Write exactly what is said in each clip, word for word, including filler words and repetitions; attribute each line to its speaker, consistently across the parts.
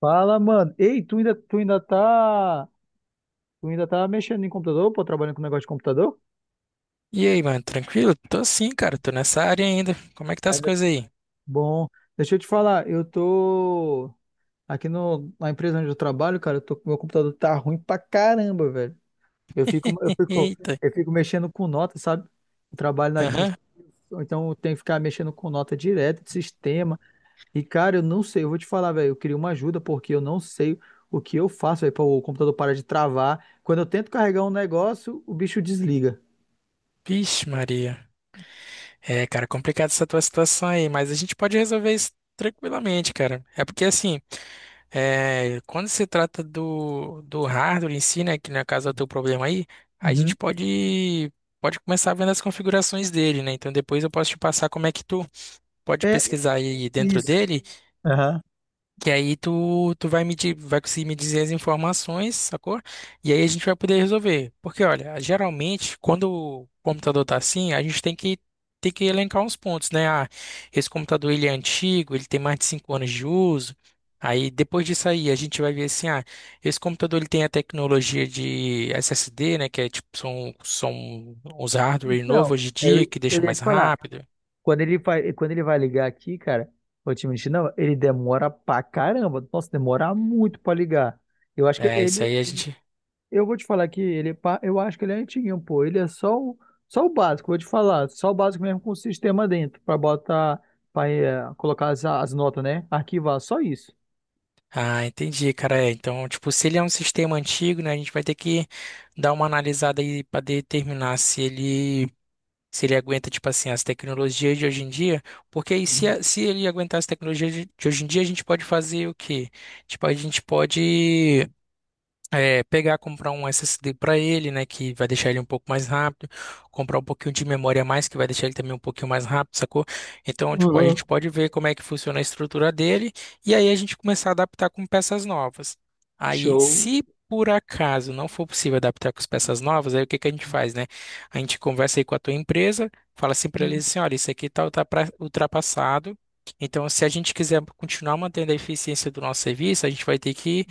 Speaker 1: Fala, mano. Ei, tu ainda, tu ainda tá, tu ainda tá mexendo em computador, pô, trabalhando com negócio de computador?
Speaker 2: E aí, mano, tranquilo? Tô sim, cara, tô nessa área ainda. Como é que tá as
Speaker 1: Ainda.
Speaker 2: coisas aí?
Speaker 1: Bom, deixa eu te falar, eu tô aqui no, na empresa onde eu trabalho, cara, eu tô, meu computador tá ruim pra caramba, velho. Eu fico, eu fico,
Speaker 2: Eita.
Speaker 1: eu fico mexendo com nota, sabe? Eu trabalho na
Speaker 2: Aham.
Speaker 1: administração, então eu tenho que ficar mexendo com nota direto de sistema. E, cara, eu não sei, eu vou te falar, velho, eu queria uma ajuda porque eu não sei o que eu faço, velho, para o computador parar de travar. Quando eu tento carregar um negócio, o bicho desliga.
Speaker 2: Vixe, Maria. É, cara, complicado essa tua situação aí, mas a gente pode resolver isso tranquilamente, cara. É porque assim, é, quando se trata do, do hardware em si, né, que no caso é o teu problema aí, a gente
Speaker 1: Uhum.
Speaker 2: pode pode começar vendo as configurações dele, né? Então depois eu posso te passar como é que tu pode
Speaker 1: É
Speaker 2: pesquisar aí dentro
Speaker 1: isso.
Speaker 2: dele.
Speaker 1: Aham.
Speaker 2: Que aí tu, tu vai me, di- vai conseguir me dizer as informações, sacou? E aí a gente vai poder resolver. Porque, olha, geralmente, quando o computador tá assim, a gente tem que, tem que elencar uns pontos, né? Ah, esse computador ele é antigo, ele tem mais de cinco anos de uso. Aí, depois disso aí, a gente vai ver assim, ah, esse computador ele tem a tecnologia de É S D, né? Que é tipo, são, são uns hardware novos
Speaker 1: Então,
Speaker 2: hoje em
Speaker 1: eu,
Speaker 2: dia, que
Speaker 1: eu
Speaker 2: deixa
Speaker 1: ia
Speaker 2: mais
Speaker 1: te falar,
Speaker 2: rápido.
Speaker 1: quando ele vai, quando ele vai ligar aqui, cara, vou te mentir, não, ele demora pra caramba. Nossa, demora muito pra ligar. Eu acho que
Speaker 2: É, isso
Speaker 1: ele,
Speaker 2: aí a gente.
Speaker 1: eu vou te falar que ele, é pa- eu acho que ele é antiguinho, pô. Ele é só o, só o básico, vou te falar. Só o básico mesmo com o sistema dentro, pra botar, pra eh, colocar as, as notas, né? Arquivar, só isso.
Speaker 2: Ah, entendi, cara. É, então, tipo, se ele é um sistema antigo, né, a gente vai ter que dar uma analisada aí para determinar se ele se ele aguenta, tipo assim, as tecnologias de hoje em dia. Porque aí, se, a- se ele aguentar as tecnologias de de hoje em dia, a gente pode fazer o quê? Tipo, a gente pode é, pegar, comprar um É S D para ele, né, que vai deixar ele um pouco mais rápido, comprar um pouquinho de memória a mais, que vai deixar ele também um pouquinho mais rápido, sacou? Então, tipo, a
Speaker 1: Uhum.
Speaker 2: gente pode ver como é que funciona a estrutura dele e aí a gente começar a adaptar com peças novas. Aí,
Speaker 1: Show.
Speaker 2: se por acaso não for possível adaptar com as peças novas, aí o que que a gente faz, né? A gente conversa aí com a tua empresa, fala assim para eles assim, olha, isso aqui tá ultrapra- ultrapassado. Então, se a gente quiser continuar mantendo a eficiência do nosso serviço, a gente vai ter que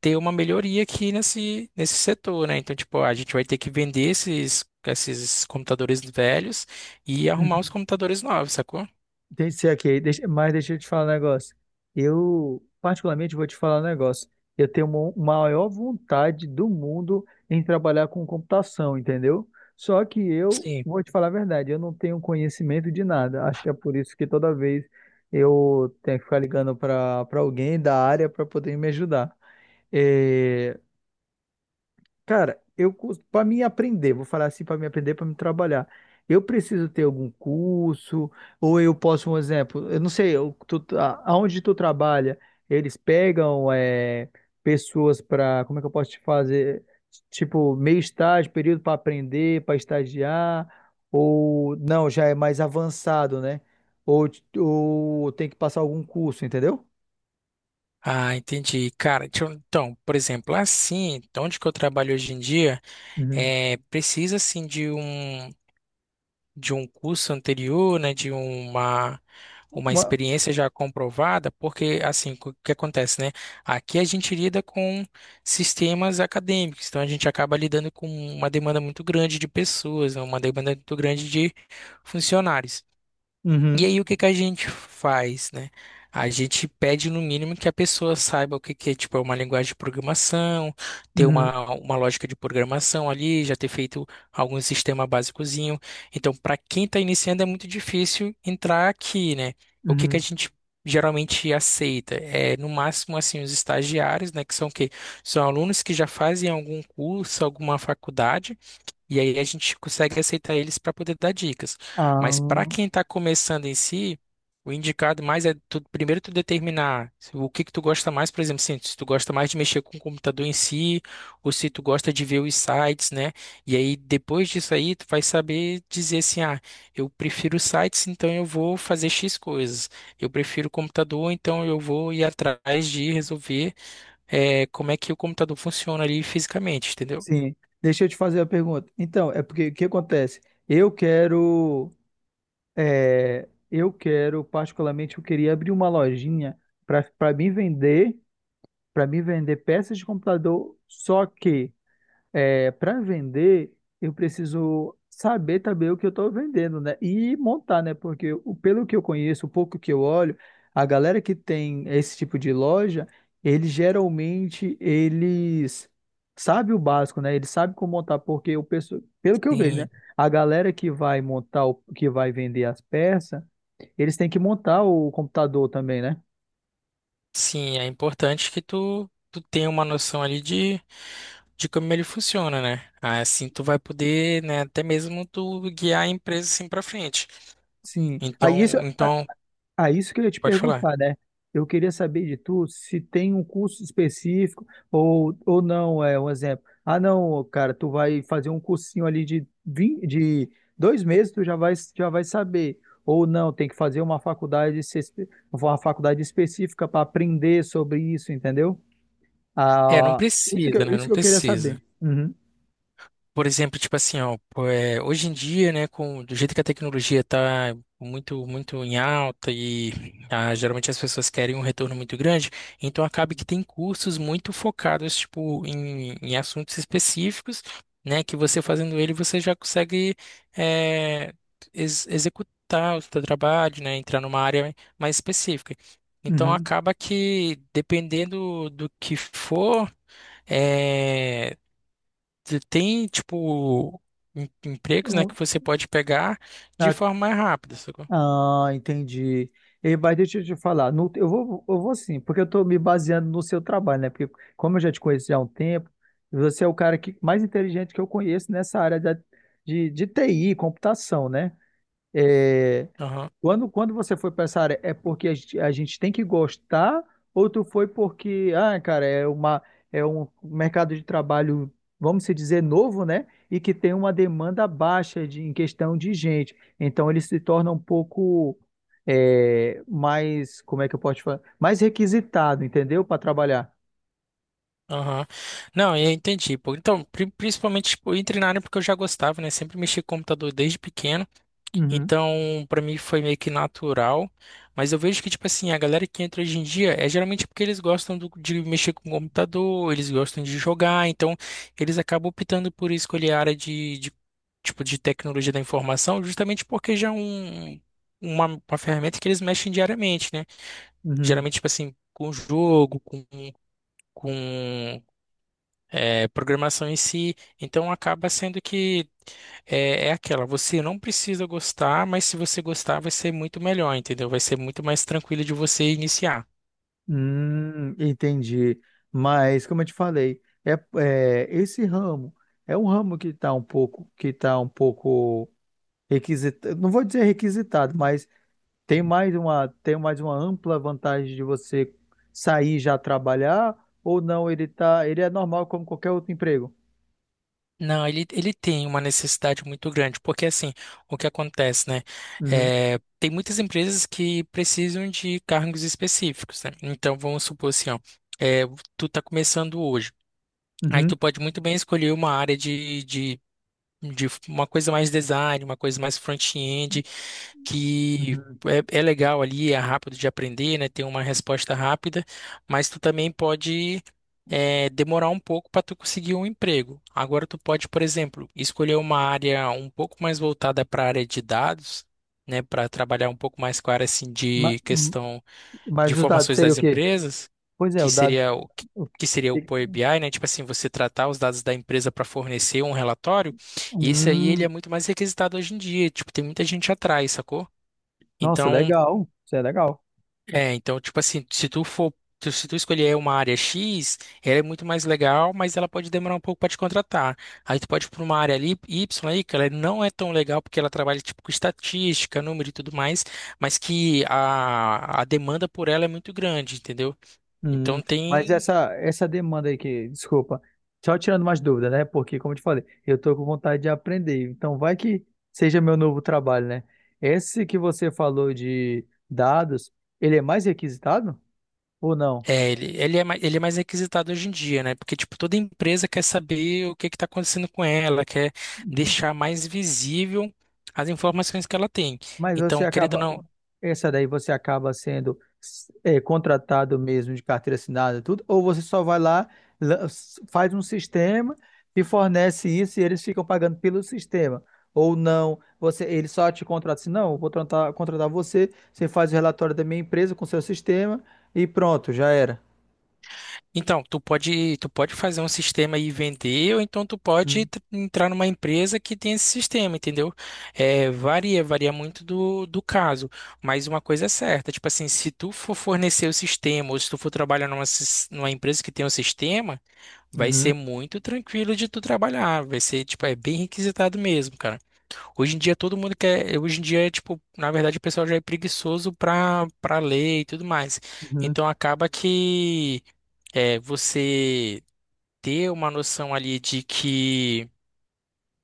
Speaker 2: ter uma melhoria aqui nesse, nesse setor, né? Então, tipo, a gente vai ter que vender esses, esses computadores velhos e arrumar os computadores novos, sacou?
Speaker 1: Deixa eu ser aqui, deixa, mas deixa eu te falar um negócio. Eu, particularmente, vou te falar um negócio. Eu tenho uma uma maior vontade do mundo em trabalhar com computação, entendeu? Só que eu,
Speaker 2: Sim.
Speaker 1: vou te falar a verdade, eu não tenho conhecimento de nada. Acho que é por isso que toda vez eu tenho que ficar ligando para para alguém da área para poder me ajudar. Eh, Cara, eu para mim aprender, vou falar assim, para mim aprender, para me trabalhar. Eu preciso ter algum curso, ou eu posso, um exemplo, eu não sei, eu, tu, a- aonde tu trabalha, eles pegam é, pessoas para, como é que eu posso te fazer, tipo, meio estágio, período para aprender, para estagiar, ou não, já é mais avançado, né? Ou, ou tem que passar algum curso, entendeu?
Speaker 2: Ah, entendi. Cara, deixa eu- então, por exemplo, assim, onde que eu trabalho hoje em dia,
Speaker 1: Uhum.
Speaker 2: é, precisa, assim, de um. De um curso anterior, né, de uma uma
Speaker 1: Uma-
Speaker 2: experiência já comprovada, porque assim, o que acontece, né? Aqui a gente lida com sistemas acadêmicos, então a gente acaba lidando com uma demanda muito grande de pessoas, né, uma demanda muito grande de funcionários. E
Speaker 1: uhum,
Speaker 2: aí o que que a gente faz, né? A gente pede no mínimo que a pessoa saiba o que que é, tipo, é uma linguagem de programação, ter
Speaker 1: uhum.
Speaker 2: uma, uma lógica de programação ali, já ter feito algum sistema básicozinho. Então, para quem está iniciando é muito difícil entrar aqui, né? O que que a
Speaker 1: Uhum.
Speaker 2: gente geralmente aceita é no máximo assim os estagiários, né, que são o quê? São alunos que já fazem algum curso, alguma faculdade e aí a gente consegue aceitar eles para poder dar dicas. Mas para
Speaker 1: Ah.
Speaker 2: quem está começando em si, o indicado mais é tu- primeiro tu determinar se- o que que tu gosta mais, por exemplo, assim, se tu gosta mais de mexer com o computador em si, ou se tu gosta de ver os sites, né? E aí depois disso aí tu vai saber dizer assim, ah, eu prefiro sites, então eu vou fazer X coisas. Eu prefiro computador, então eu vou ir atrás de resolver eh, como é que o computador funciona ali fisicamente, entendeu?
Speaker 1: Sim, deixa eu te fazer a pergunta. Então, é porque o que acontece? Eu quero, é, eu quero particularmente, eu queria abrir uma lojinha para para mim vender, para mim vender peças de computador. Só que é, para vender, eu preciso saber também o que eu estou vendendo, né? E montar, né? Porque o- pelo que eu conheço, o pouco que eu olho, a galera que tem esse tipo de loja, eles geralmente eles sabem o básico, né? Eles sabem como montar, porque o pessoal, pelo que eu vejo, né?
Speaker 2: Tem
Speaker 1: A galera que vai montar, o, que vai vender as peças, eles têm que montar o computador também, né?
Speaker 2: sim, é importante que tu, tu tenha uma noção ali de, de como ele funciona, né? Ah, assim tu vai poder, né, até mesmo tu guiar a empresa assim pra frente.
Speaker 1: Sim.
Speaker 2: Então,
Speaker 1: Aí isso.
Speaker 2: então,
Speaker 1: Ah, isso que eu ia te
Speaker 2: pode falar.
Speaker 1: perguntar, né? Eu queria saber de tu se tem um curso específico ou, ou não, é um exemplo. Ah, não, cara, tu vai fazer um cursinho ali de, vin- de dois meses, tu já vai, já vai saber. Ou não, tem que fazer uma faculdade, se- uma faculdade específica para aprender sobre isso, entendeu?
Speaker 2: É, não
Speaker 1: Ah, isso que
Speaker 2: precisa,
Speaker 1: eu,
Speaker 2: né?
Speaker 1: isso
Speaker 2: Não
Speaker 1: que eu queria saber.
Speaker 2: precisa.
Speaker 1: Uhum,
Speaker 2: Por exemplo, tipo assim, ó, pô, é, hoje em dia, né, com do jeito que a tecnologia tá muito muito em alta e ah, geralmente as pessoas querem um retorno muito grande, então acaba que tem cursos muito focados tipo em, em assuntos específicos, né, que você fazendo ele você já consegue é, ex- executar o seu trabalho, né, entrar numa área mais específica. Então
Speaker 1: uhum.
Speaker 2: acaba que dependendo do que for é, você tem, tipo, em- empregos, né,
Speaker 1: Então,
Speaker 2: que você pode pegar de
Speaker 1: tá.
Speaker 2: forma mais rápida, sacou?
Speaker 1: Ah, entendi. E, mas deixa eu te falar, no- eu vou, eu vou sim, porque eu estou me baseando no seu trabalho, né? Porque como eu já te conheço já há um tempo, você é o cara que, mais inteligente que eu conheço nessa área da, de, de T I, computação, né? É,
Speaker 2: Aham,
Speaker 1: quando, quando você foi para essa área, é porque a gente, a gente tem que gostar ou tu foi porque, ah, cara, é uma, é um mercado de trabalho, vamos se dizer, novo, né? E que tem uma demanda baixa de, em questão de gente. Então ele se torna um pouco é, mais, como é que eu posso falar? Mais requisitado, entendeu? Para trabalhar.
Speaker 2: aham. Não, eu entendi, pô. Então, pri- principalmente, tipo, eu entrei na área porque eu já gostava, né? Sempre mexi com computador desde pequeno.
Speaker 1: Uhum,
Speaker 2: Então, pra mim foi meio que natural, mas eu vejo que, tipo assim, a galera que entra hoje em dia é geralmente porque eles gostam do- de mexer com o computador, eles gostam de jogar, então eles acabam optando por escolher a área de, de, tipo, de tecnologia da informação, justamente porque já é um, uma, uma ferramenta que eles mexem diariamente, né?
Speaker 1: uhum.
Speaker 2: Geralmente, tipo assim, com jogo, com, com é, programação em si, então acaba sendo que é, é aquela, você não precisa gostar, mas se você gostar, vai ser muito melhor, entendeu? Vai ser muito mais tranquilo de você iniciar.
Speaker 1: Hum, entendi. Mas como eu te falei, é, é, esse ramo é um ramo que está um pouco que tá um pouco requisitado. Não vou dizer requisitado, mas tem mais uma tem mais uma ampla vantagem de você sair e já trabalhar ou não? Ele tá ele é normal como qualquer outro emprego.
Speaker 2: Não, ele, ele tem uma necessidade muito grande, porque assim, o que acontece, né?
Speaker 1: Uhum,
Speaker 2: É, tem muitas empresas que precisam de cargos específicos, né? Então, vamos supor assim, ó, é, tu tá começando hoje. Aí
Speaker 1: uhum,
Speaker 2: tu pode muito bem escolher uma área de, de, de uma coisa mais design, uma coisa mais front-end, que
Speaker 1: uhum.
Speaker 2: é, é legal ali, é rápido de aprender, né? Tem uma resposta rápida, mas tu também pode é, demorar um pouco para tu conseguir um emprego. Agora tu pode, por exemplo, escolher uma área um pouco mais voltada para a área de dados, né? Para trabalhar um pouco mais com a área assim,
Speaker 1: Ma-
Speaker 2: de
Speaker 1: hum,
Speaker 2: questão de
Speaker 1: mas os dados
Speaker 2: informações
Speaker 1: seria o
Speaker 2: das
Speaker 1: quê?
Speaker 2: empresas,
Speaker 1: Pois é,
Speaker 2: que
Speaker 1: o dado.
Speaker 2: seria o
Speaker 1: o
Speaker 2: que seria o
Speaker 1: que-
Speaker 2: Power B I, né? Tipo assim, você tratar os dados da empresa para fornecer um relatório, e esse aí ele
Speaker 1: Hum,
Speaker 2: é muito mais requisitado hoje em dia, tipo, tem muita gente atrás, sacou?
Speaker 1: nossa,
Speaker 2: Então,
Speaker 1: legal. Isso é legal.
Speaker 2: é, então tipo assim, se tu for tu- se tu escolher uma área X, ela é muito mais legal, mas ela pode demorar um pouco para te contratar. Aí tu pode ir para uma área ali, Y aí, que ela não é tão legal porque ela trabalha tipo com estatística, número e tudo mais, mas que a, a demanda por ela é muito grande, entendeu?
Speaker 1: Hum,
Speaker 2: Então
Speaker 1: mas
Speaker 2: tem.
Speaker 1: essa essa demanda aí que, desculpa, só tirando mais dúvidas, né? Porque, como eu te falei, eu tô com vontade de aprender. Então, vai que seja meu novo trabalho, né? Esse que você falou de dados, ele é mais requisitado ou não?
Speaker 2: É, ele, ele é mais, ele é mais requisitado hoje em dia, né? Porque, tipo, toda empresa quer saber o que que está acontecendo com ela, quer deixar mais visível as informações que ela tem.
Speaker 1: Mas você
Speaker 2: Então, querendo ou
Speaker 1: acaba,
Speaker 2: não,
Speaker 1: essa daí você acaba sendo eh, contratado mesmo de carteira assinada, tudo, ou você só vai lá, lan- faz um sistema e fornece isso e eles ficam pagando pelo sistema. Ou não, você, ele só te contrata assim, não, eu vou contratar, contratar você, você faz o relatório da minha empresa com o seu sistema e pronto, já era.
Speaker 2: então, tu pode, tu pode fazer um sistema e vender, ou então tu pode
Speaker 1: Uhum,
Speaker 2: tr- entrar numa empresa que tem esse sistema, entendeu? É, varia, varia muito do, do caso. Mas uma coisa é certa, tipo assim, se tu for fornecer o sistema, ou se tu for trabalhar numa, sis- numa empresa que tem um sistema, vai ser
Speaker 1: uhum,
Speaker 2: muito tranquilo de tu trabalhar. Vai ser, tipo, é bem requisitado mesmo, cara. Hoje em dia todo mundo quer. Hoje em dia, tipo, na verdade, o pessoal já é preguiçoso pra, pra ler e tudo mais.
Speaker 1: uhum.
Speaker 2: Então acaba que é você ter uma noção ali de que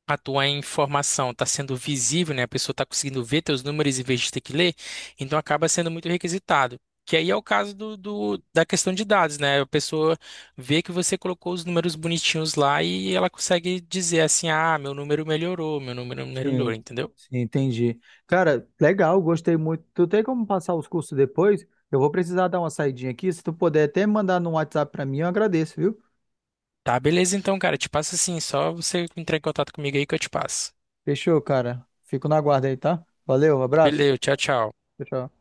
Speaker 2: a tua informação está sendo visível, né? A pessoa está conseguindo ver teus números em vez de ter que ler, então acaba sendo muito requisitado. Que aí é o caso do, do- da questão de dados, né? A pessoa vê que você colocou os números bonitinhos lá e ela consegue dizer assim, ah, meu número melhorou, meu número melhorou,
Speaker 1: Sim,
Speaker 2: entendeu?
Speaker 1: sim, entendi. Cara, legal, gostei muito. Tu tem como passar os cursos depois? Eu vou precisar dar uma saidinha aqui. Se tu puder até mandar no WhatsApp pra mim, eu agradeço, viu?
Speaker 2: Tá, beleza então, cara, te passo assim, só você entrar em contato comigo aí que eu te passo.
Speaker 1: Fechou, cara. Fico na guarda aí, tá? Valeu, abraço.
Speaker 2: Beleza, tchau, tchau.
Speaker 1: Tchau, tchau.